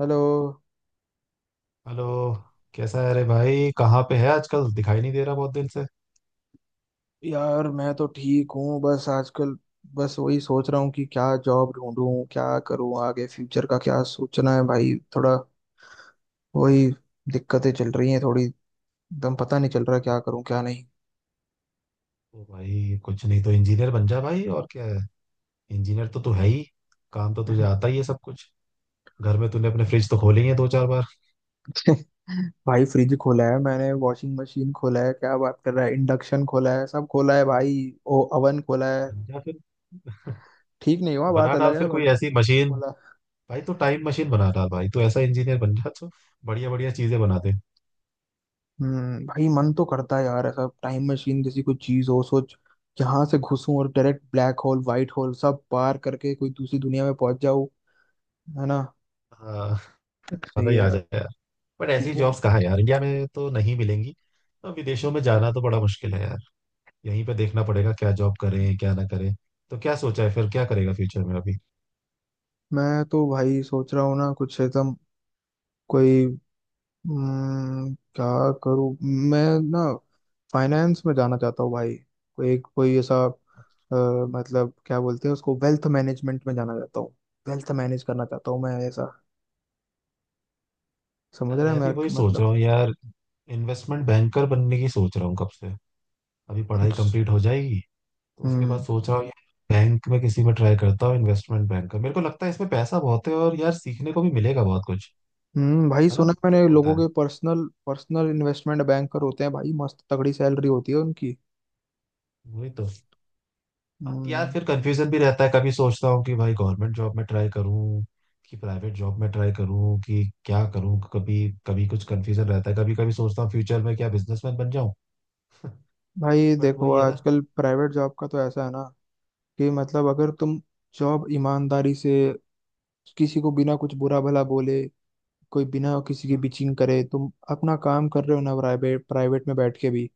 Hello. Hello. कैसा है? अरे भाई, कहाँ पे है आजकल? दिखाई नहीं दे रहा बहुत दिन से। यार मैं तो ठीक हूँ। बस आजकल बस वही सोच रहा हूँ कि क्या जॉब ढूंढूं, क्या करूँ, आगे फ्यूचर का क्या सोचना है। भाई थोड़ा वही, दिक्कतें चल रही हैं थोड़ी। एकदम पता नहीं चल रहा क्या करूँ क्या नहीं। ओ भाई, कुछ नहीं तो इंजीनियर बन जा भाई, और क्या है। इंजीनियर तो तू है ही। काम तो तुझे आता ही है सब कुछ। घर में तूने अपने फ्रिज तो खोले ही है दो चार बार। भाई फ्रिज खोला है मैंने, वॉशिंग मशीन खोला है, क्या बात कर रहा है, इंडक्शन खोला है, सब खोला है भाई। ओ ओवन खोला है। बन जा फिर। ठीक नहीं हुआ, बात बना डाल अलग है। फिर कोई बट ऐसी मशीन। भाई तो टाइम मशीन बना डाल भाई, तू ऐसा इंजीनियर बन जा जो बढ़िया बढ़िया चीजें बना दे। हम्म, भाई मन तो करता है यार ऐसा टाइम मशीन जैसी कोई चीज हो। सोच, जहां से घुसूं और direct black hole white hole सब पार करके कोई दूसरी दुनिया में पहुंच जाऊं। है ना। हाँ। मजा सही ही है आ यार। जाए यार। बट ऐसी वो, जॉब्स कहाँ है यार, इंडिया में तो नहीं मिलेंगी। तो विदेशों में जाना तो बड़ा मुश्किल है यार। यहीं पे देखना पड़ेगा क्या जॉब करें क्या ना करें। तो क्या सोचा है फिर, क्या करेगा फ्यूचर में अभी? मैं तो भाई सोच रहा हूँ ना कुछ एकदम कोई, क्या करूँ मैं ना, फाइनेंस में जाना चाहता हूँ भाई। कोई एक, कोई ऐसा, मतलब क्या बोलते हैं उसको, वेल्थ मैनेजमेंट में जाना चाहता हूँ। वेल्थ मैनेज करना चाहता हूँ मैं, ऐसा। समझ यार रहा है मैं भी वही मेरा सोच मतलब। रहा हूँ यार। इन्वेस्टमेंट बैंकर बनने की सोच रहा हूँ कब से। अभी पढ़ाई कंप्लीट हो जाएगी, तो उसके बाद हम्म। सोच रहा हूँ यार। बैंक में किसी में ट्राई करता हूँ इन्वेस्टमेंट बैंकर। मेरे को लगता है इसमें पैसा बहुत है और यार सीखने को भी मिलेगा बहुत कुछ। हम्म, भाई है ना, सुना है क्या मैंने, बोलता लोगों है। के पर्सनल पर्सनल इन्वेस्टमेंट बैंकर होते हैं भाई, मस्त तगड़ी सैलरी होती है उनकी। वही तो। यार हम्म। फिर कंफ्यूजन भी रहता है। कभी सोचता हूँ कि भाई गवर्नमेंट जॉब में ट्राई करूँ कि प्राइवेट जॉब में ट्राई करूँ कि क्या करूँ। कभी कभी कुछ कंफ्यूजन रहता है। कभी कभी सोचता हूँ फ्यूचर में क्या बिजनेसमैन बन जाऊँ। भाई बट देखो वही है ना। आजकल प्राइवेट जॉब का तो ऐसा है ना, कि मतलब अगर तुम जॉब ईमानदारी से, किसी को बिना कुछ बुरा भला बोले, कोई बिना किसी की हाँ। बिचिंग करे तुम अपना काम कर रहे हो ना, प्राइवेट प्राइवेट में बैठ के भी,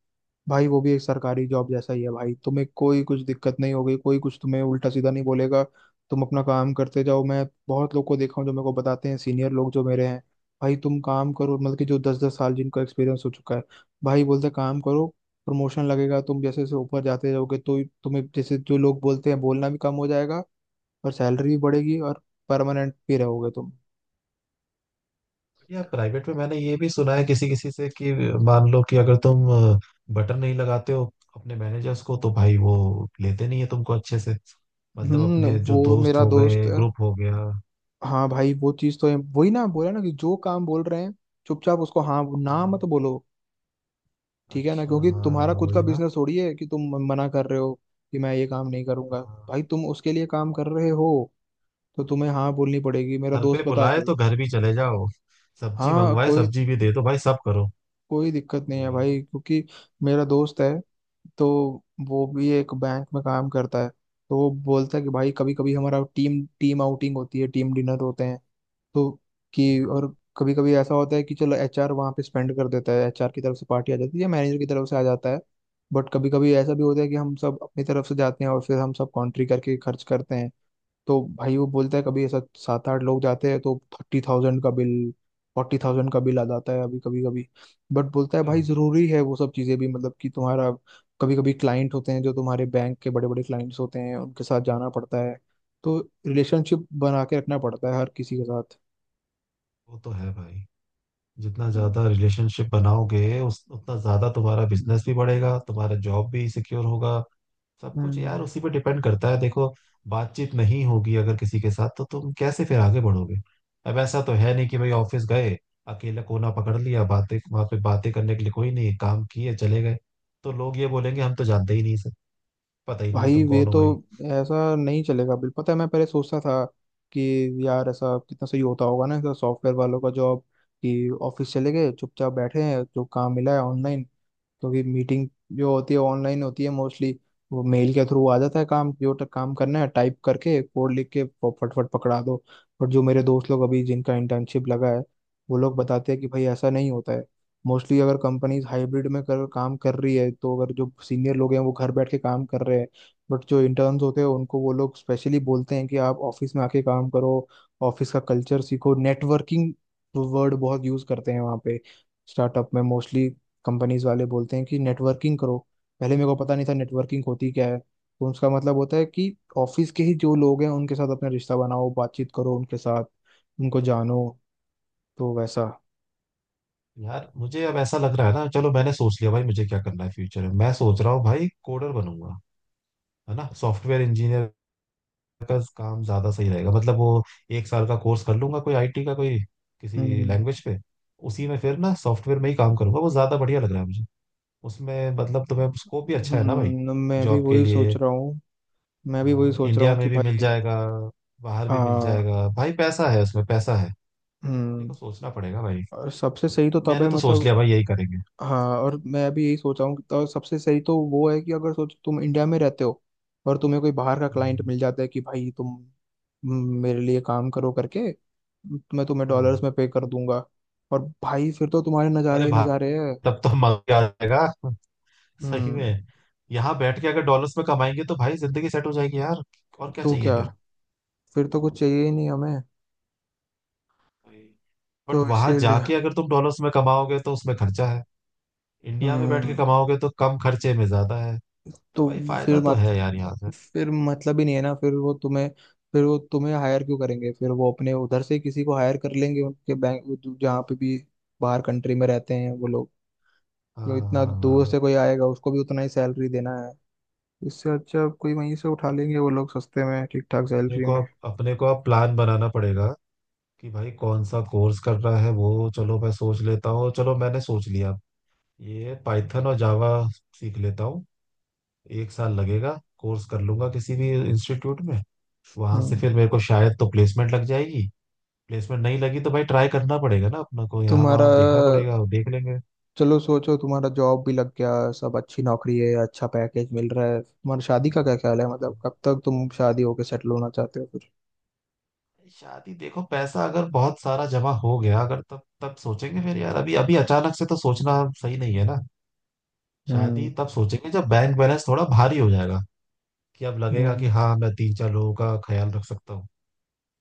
भाई वो भी एक सरकारी जॉब जैसा ही है। भाई तुम्हें कोई कुछ दिक्कत नहीं होगी, कोई कुछ तुम्हें उल्टा सीधा नहीं बोलेगा। तुम अपना काम करते जाओ। मैं बहुत लोग को देखा हूँ जो मेरे को बताते हैं, सीनियर लोग जो मेरे हैं, भाई तुम काम करो, मतलब कि जो दस दस साल जिनका एक्सपीरियंस हो चुका है। भाई बोलते काम करो, प्रमोशन लगेगा। तुम जैसे जैसे ऊपर जाते जाओगे तो तुम्हें, जैसे जो लोग बोलते हैं, बोलना भी कम हो जाएगा और सैलरी भी बढ़ेगी और परमानेंट भी रहोगे तुम। यार प्राइवेट में मैंने ये भी सुना है किसी किसी से कि मान लो कि अगर तुम बटन नहीं लगाते हो अपने मैनेजर्स को, तो भाई वो लेते नहीं है तुमको अच्छे से। मतलब हम्म, अपने जो वो दोस्त मेरा हो दोस्त गए, है। ग्रुप हो गया। हाँ भाई, वो चीज तो है। वही ना बोला ना कि जो काम बोल रहे हैं चुपचाप उसको हाँ, ना मत हाँ। बोलो। ठीक है ना, अच्छा, क्योंकि तुम्हारा हाँ खुद का वही ना। बिजनेस थोड़ी है कि तुम मना कर रहे हो कि मैं ये काम नहीं करूंगा। हाँ। भाई तुम उसके लिए काम कर रहे हो, तो तुम्हें हाँ बोलनी पड़ेगी। मेरा घर पे दोस्त बताता बुलाए है। तो घर भी चले जाओ, सब्जी हाँ, मंगवाए कोई सब्जी भी दे दो भाई, सब करो। कोई दिक्कत नहीं है भाई। भाई, क्योंकि मेरा दोस्त है तो, वो भी एक बैंक में काम करता है तो वो बोलता है कि भाई, कभी कभी हमारा टीम टीम आउटिंग होती है, टीम डिनर होते हैं। तो कि और कभी कभी ऐसा होता है कि चलो एचआर वहाँ पे स्पेंड कर देता है, एचआर की तरफ से पार्टी आ जाती है या मैनेजर की तरफ से आ जाता है। बट कभी कभी ऐसा भी होता है कि हम सब अपनी तरफ से जाते हैं और फिर हम सब कॉन्ट्री करके खर्च करते हैं। तो भाई वो बोलता है कभी ऐसा सात आठ लोग जाते हैं तो 30,000 का बिल, 40,000 का बिल आ जाता है अभी, कभी कभी। बट बोलता है क्या। भाई जरूरी है वो सब चीज़ें भी, मतलब कि तुम्हारा, कभी कभी क्लाइंट होते हैं जो तुम्हारे बैंक के बड़े बड़े क्लाइंट्स होते हैं, उनके साथ जाना पड़ता है। तो रिलेशनशिप बना के रखना पड़ता है हर किसी के साथ। वो तो है भाई। जितना ज्यादा रिलेशनशिप बनाओगे उस उतना ज्यादा तुम्हारा बिजनेस भी बढ़ेगा, तुम्हारा जॉब भी सिक्योर होगा। सब कुछ यार हम्म। उसी पे डिपेंड करता है देखो। बातचीत नहीं होगी अगर किसी के साथ तो तुम कैसे फिर आगे बढ़ोगे? अब ऐसा तो है नहीं कि भाई ऑफिस गए, अकेला कोना पकड़ लिया, बातें वहां पे बातें करने के लिए कोई नहीं, काम किए चले गए। तो लोग ये बोलेंगे हम तो जानते ही नहीं से, पता ही नहीं है भाई तुम ये कौन हो तो, भाई। ऐसा नहीं चलेगा बिल। पता है मैं पहले सोचता था कि यार ऐसा कितना सही होता होगा ना, ऐसा सॉफ्टवेयर वालों का जॉब, कि ऑफिस चले गए, चुपचाप बैठे हैं, जो काम मिला है ऑनलाइन। क्योंकि मीटिंग जो होती है ऑनलाइन होती है मोस्टली। वो मेल के थ्रू आ जाता है काम, जो काम करना है टाइप करके, कोड लिख के फटफट पकड़ा दो। और जो मेरे दोस्त लोग अभी जिनका इंटर्नशिप लगा है वो लोग बताते हैं कि भाई ऐसा नहीं होता है। मोस्टली अगर कंपनीज हाइब्रिड में कर काम कर रही है तो, अगर जो सीनियर लोग हैं वो घर बैठ के काम कर रहे हैं, बट जो इंटर्न्स होते हैं उनको वो लोग स्पेशली बोलते हैं कि आप ऑफिस में आके काम करो, ऑफिस का कल्चर सीखो। नेटवर्किंग वर्ड बहुत यूज करते हैं वहाँ पे, स्टार्टअप में मोस्टली। कंपनीज वाले बोलते हैं कि नेटवर्किंग करो। पहले मेरे को पता नहीं था नेटवर्किंग होती क्या है। तो उसका मतलब होता है कि ऑफिस के ही जो लोग हैं उनके साथ अपना रिश्ता बनाओ, बातचीत करो उनके साथ, उनको जानो, तो वैसा। यार मुझे अब ऐसा लग रहा है ना, चलो मैंने सोच लिया भाई मुझे क्या करना है फ्यूचर में। मैं सोच रहा हूँ भाई कोडर बनूंगा। है ना, सॉफ्टवेयर इंजीनियर का काम ज्यादा सही रहेगा। मतलब वो 1 साल का कोर्स कर लूंगा कोई आईटी का, कोई किसी हम्म। लैंग्वेज पे। उसी में फिर ना सॉफ्टवेयर में ही काम करूंगा। वो ज्यादा बढ़िया लग रहा है मुझे। उसमें मतलब तुम्हें स्कोप भी अच्छा है ना भाई, मैं भी जॉब के वही सोच लिए। रहा हूँ। मैं भी वही सोच रहा इंडिया हूँ कि में भी मिल भाई। जाएगा, बाहर भी मिल हाँ। जाएगा भाई। पैसा है उसमें, पैसा है। मेरे हम्म। को सोचना पड़ेगा भाई। और सबसे सही तो तब है मैंने तो सोच मतलब, लिया भाई यही करेंगे। हाँ, और मैं अभी यही सोच रहा हूँ तो सबसे सही तो वो है कि अगर सोचो तुम इंडिया में रहते हो और तुम्हें कोई बाहर का क्लाइंट हम्म, मिल जाता है कि भाई तुम, म, मेरे लिए काम करो करके, मैं तुम्हें डॉलर्स में हाँ। पे कर दूंगा। और भाई फिर तो तुम्हारे नज़ारे अरे ही भाई नज़ारे हैं। तब तो मजा आ जाएगा, सही हम्म। में। यहाँ बैठ के अगर डॉलर्स में कमाएंगे तो भाई जिंदगी सेट हो जाएगी यार। और क्या तो चाहिए क्या, फिर। फिर तो कुछ चाहिए ही नहीं हमें। बट तो वहां इसीलिए, जाके अगर तुम डॉलर्स में कमाओगे तो उसमें खर्चा है। इंडिया में बैठ के हम्म। कमाओगे तो कम खर्चे में ज्यादा है। तो तो भाई फिर फायदा तो मत है यार यहाँ से। फिर मतलब ही नहीं है ना। फिर वो तुम्हें हायर क्यों करेंगे। फिर वो अपने उधर से ही किसी को हायर कर लेंगे उनके बैंक, जहाँ पे भी बाहर कंट्री में रहते हैं वो लोग। तो हाँ, इतना हाँ, दूर हाँ। से कोई आएगा, उसको भी उतना ही सैलरी देना है। इससे अच्छा कोई वहीं से उठा लेंगे वो लोग, सस्ते में, ठीक तो ठाक अपने सैलरी को, में। अपने को अब प्लान बनाना पड़ेगा कि भाई कौन सा कोर्स करना है। वो चलो मैं सोच लेता हूँ, चलो मैंने सोच लिया। ये पाइथन और जावा सीख लेता हूँ। 1 साल लगेगा, कोर्स कर लूंगा किसी भी इंस्टीट्यूट में। वहां से हम्म। फिर मेरे को शायद तो प्लेसमेंट लग जाएगी। प्लेसमेंट नहीं लगी तो भाई ट्राई करना पड़ेगा ना, अपना को यहाँ तुम्हारा वहाँ देखना पड़ेगा, वो देख लेंगे। चलो सोचो, तुम्हारा जॉब भी लग गया, सब अच्छी नौकरी है, अच्छा पैकेज मिल रहा है, तुम्हारा शादी का क्या ख्याल है? मतलब हाँ। कब तक तुम शादी होके सेटल होना चाहते हो फिर? शादी देखो, पैसा अगर बहुत सारा जमा हो गया अगर, तब तब सोचेंगे फिर यार। अभी अभी अचानक से तो सोचना सही नहीं है ना। शादी हम्म। तब सोचेंगे जब बैंक बैलेंस थोड़ा भारी हो जाएगा। कि अब लगेगा कि हाँ मैं तीन चार लोगों का ख्याल रख सकता हूँ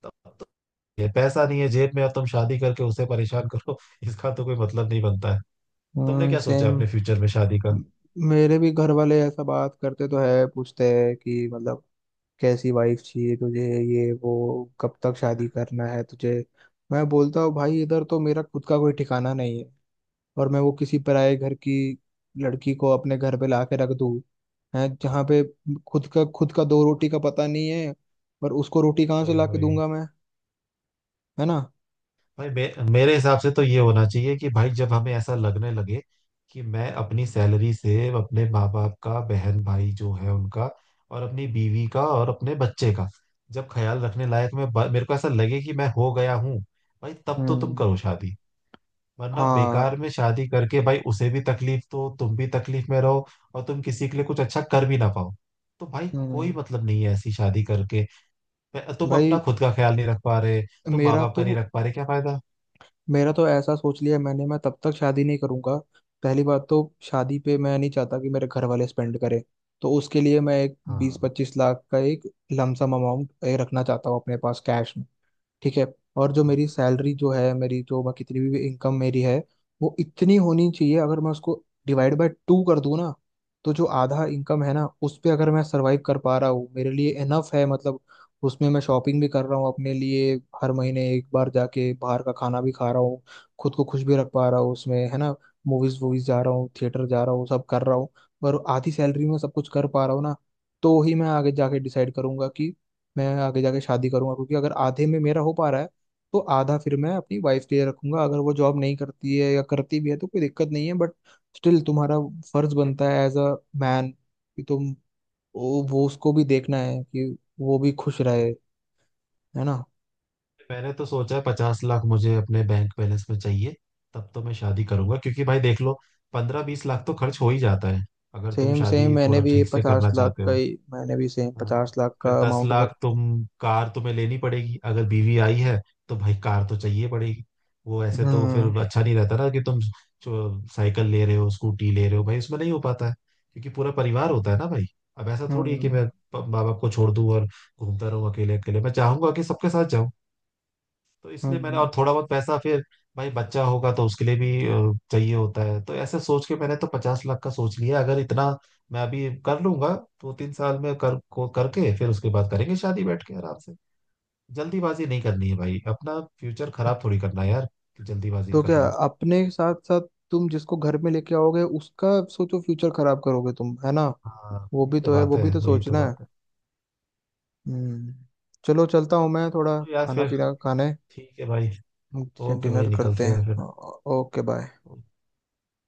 तब। तो ये पैसा नहीं है जेब में, अब तुम शादी करके उसे परेशान करो। इसका तो कोई मतलब नहीं बनता है। तुमने हम्म, क्या सोचा है सेम। अपने फ्यूचर में शादी का? मेरे भी घर वाले ऐसा बात करते तो है, पूछते हैं कि मतलब कैसी वाइफ चाहिए तुझे, ये वो, कब तक शादी करना है तुझे। मैं बोलता हूँ भाई इधर तो मेरा खुद का कोई ठिकाना नहीं है, और मैं वो किसी पराये घर की लड़की को अपने घर पे ला के रख दूँ, है जहाँ पे खुद का दो रोटी का पता नहीं है, और उसको रोटी कहाँ से वही ला के वही। दूंगा मैं। है ना। भाई मेरे हिसाब से तो ये होना चाहिए कि भाई जब हमें ऐसा लगने लगे कि मैं अपनी सैलरी से अपने माँ बाप का, बहन भाई जो है उनका, और अपनी बीवी का और अपने बच्चे का जब ख्याल रखने लायक मैं मेरे को ऐसा लगे कि मैं हो गया हूँ, भाई तब तो तुम हम्म। करो शादी। वरना हाँ। बेकार में शादी करके भाई उसे भी तकलीफ दो, तुम भी तकलीफ में रहो, और तुम किसी के लिए कुछ अच्छा कर भी ना पाओ। तो भाई कोई हम्म, मतलब नहीं है ऐसी शादी करके। तुम अपना भाई खुद का ख्याल नहीं रख पा रहे, तुम माँ मेरा बाप का नहीं तो रख पा रहे, क्या फायदा। मेरा तो ऐसा सोच लिया मैंने, मैं तब तक शादी नहीं करूंगा। पहली बात तो, शादी पे मैं नहीं चाहता कि मेरे घर वाले स्पेंड करें। तो उसके लिए मैं एक बीस हाँ। पच्चीस लाख का एक लमसम अमाउंट रखना चाहता हूँ अपने पास कैश। ठीक है। और जो मेरी सैलरी जो है, मेरी जो, मैं कितनी भी इनकम मेरी है, वो इतनी होनी चाहिए, अगर मैं उसको डिवाइड बाय टू कर दूं ना तो जो आधा इनकम है ना उस पे अगर मैं सरवाइव कर पा रहा हूँ, मेरे लिए इनफ है मतलब। उसमें मैं शॉपिंग भी कर रहा हूँ अपने लिए, हर महीने एक बार जाके बाहर का खाना भी खा रहा हूँ, खुद को खुश भी रख पा रहा हूँ उसमें, है ना। मूवीज वूवीज जा रहा हूँ, थिएटर जा रहा हूँ, सब कर रहा हूँ। पर आधी सैलरी में सब कुछ कर पा रहा हूँ ना, तो ही मैं आगे जाके डिसाइड करूंगा कि मैं आगे जाके शादी करूंगा। क्योंकि अगर आधे में मेरा हो पा रहा है तो आधा फिर मैं अपनी वाइफ के लिए रखूंगा। अगर वो जॉब नहीं करती है या करती भी है तो कोई दिक्कत नहीं है, बट स्टिल तुम्हारा फर्ज बनता है एज अ मैन कि तुम, वो उसको भी देखना है कि वो भी खुश रहे, है ना। मैंने तो सोचा 50 लाख मुझे अपने बैंक बैलेंस में चाहिए, तब तो मैं शादी करूंगा। क्योंकि भाई देख लो, 15 20 लाख तो खर्च हो ही जाता है अगर तुम सेम सेम, शादी मैंने थोड़ा भी ठीक से पचास करना लाख चाहते का हो। ही, मैंने भी सेम पचास हाँ। लाख फिर का दस अमाउंट का। लाख तुम। कार तुम्हें लेनी पड़ेगी अगर बीवी आई है, तो भाई कार तो चाहिए पड़ेगी। वो ऐसे तो फिर हम्म। अच्छा नहीं रहता ना कि तुम जो साइकिल ले रहे हो, स्कूटी ले रहे हो, भाई उसमें नहीं हो पाता है। क्योंकि पूरा परिवार होता है ना भाई। अब ऐसा थोड़ी है हम्म। कि मैं माँ बाप को छोड़ दूं और घूमता रहूं अकेले अकेले। मैं चाहूंगा कि सबके साथ। तो इसलिए मैंने हम्म। और थोड़ा बहुत पैसा फिर। भाई बच्चा होगा तो उसके लिए भी चाहिए होता है। तो ऐसे सोच के मैंने तो 50 लाख का सोच लिया। अगर इतना मैं अभी कर लूंगा दो तीन साल में कर को करके फिर उसके बाद करेंगे शादी बैठ के आराम से। जल्दीबाजी नहीं करनी है भाई, अपना फ्यूचर खराब थोड़ी करना है यार, कि जल्दीबाजी तो कर क्या, लो। अपने साथ साथ तुम जिसको घर में लेके आओगे उसका सोचो, फ्यूचर खराब करोगे तुम, है ना। हाँ, वो वही भी तो तो है, बात वो है, भी तो वही तो सोचना है। बात है। हम्म। चलो चलता हूँ मैं, थोड़ा चलो यार खाना फिर, पीना खाने, ठीक है भाई। ओके भाई, डिनर करते निकलते हैं। हैं ओके बाय। फिर।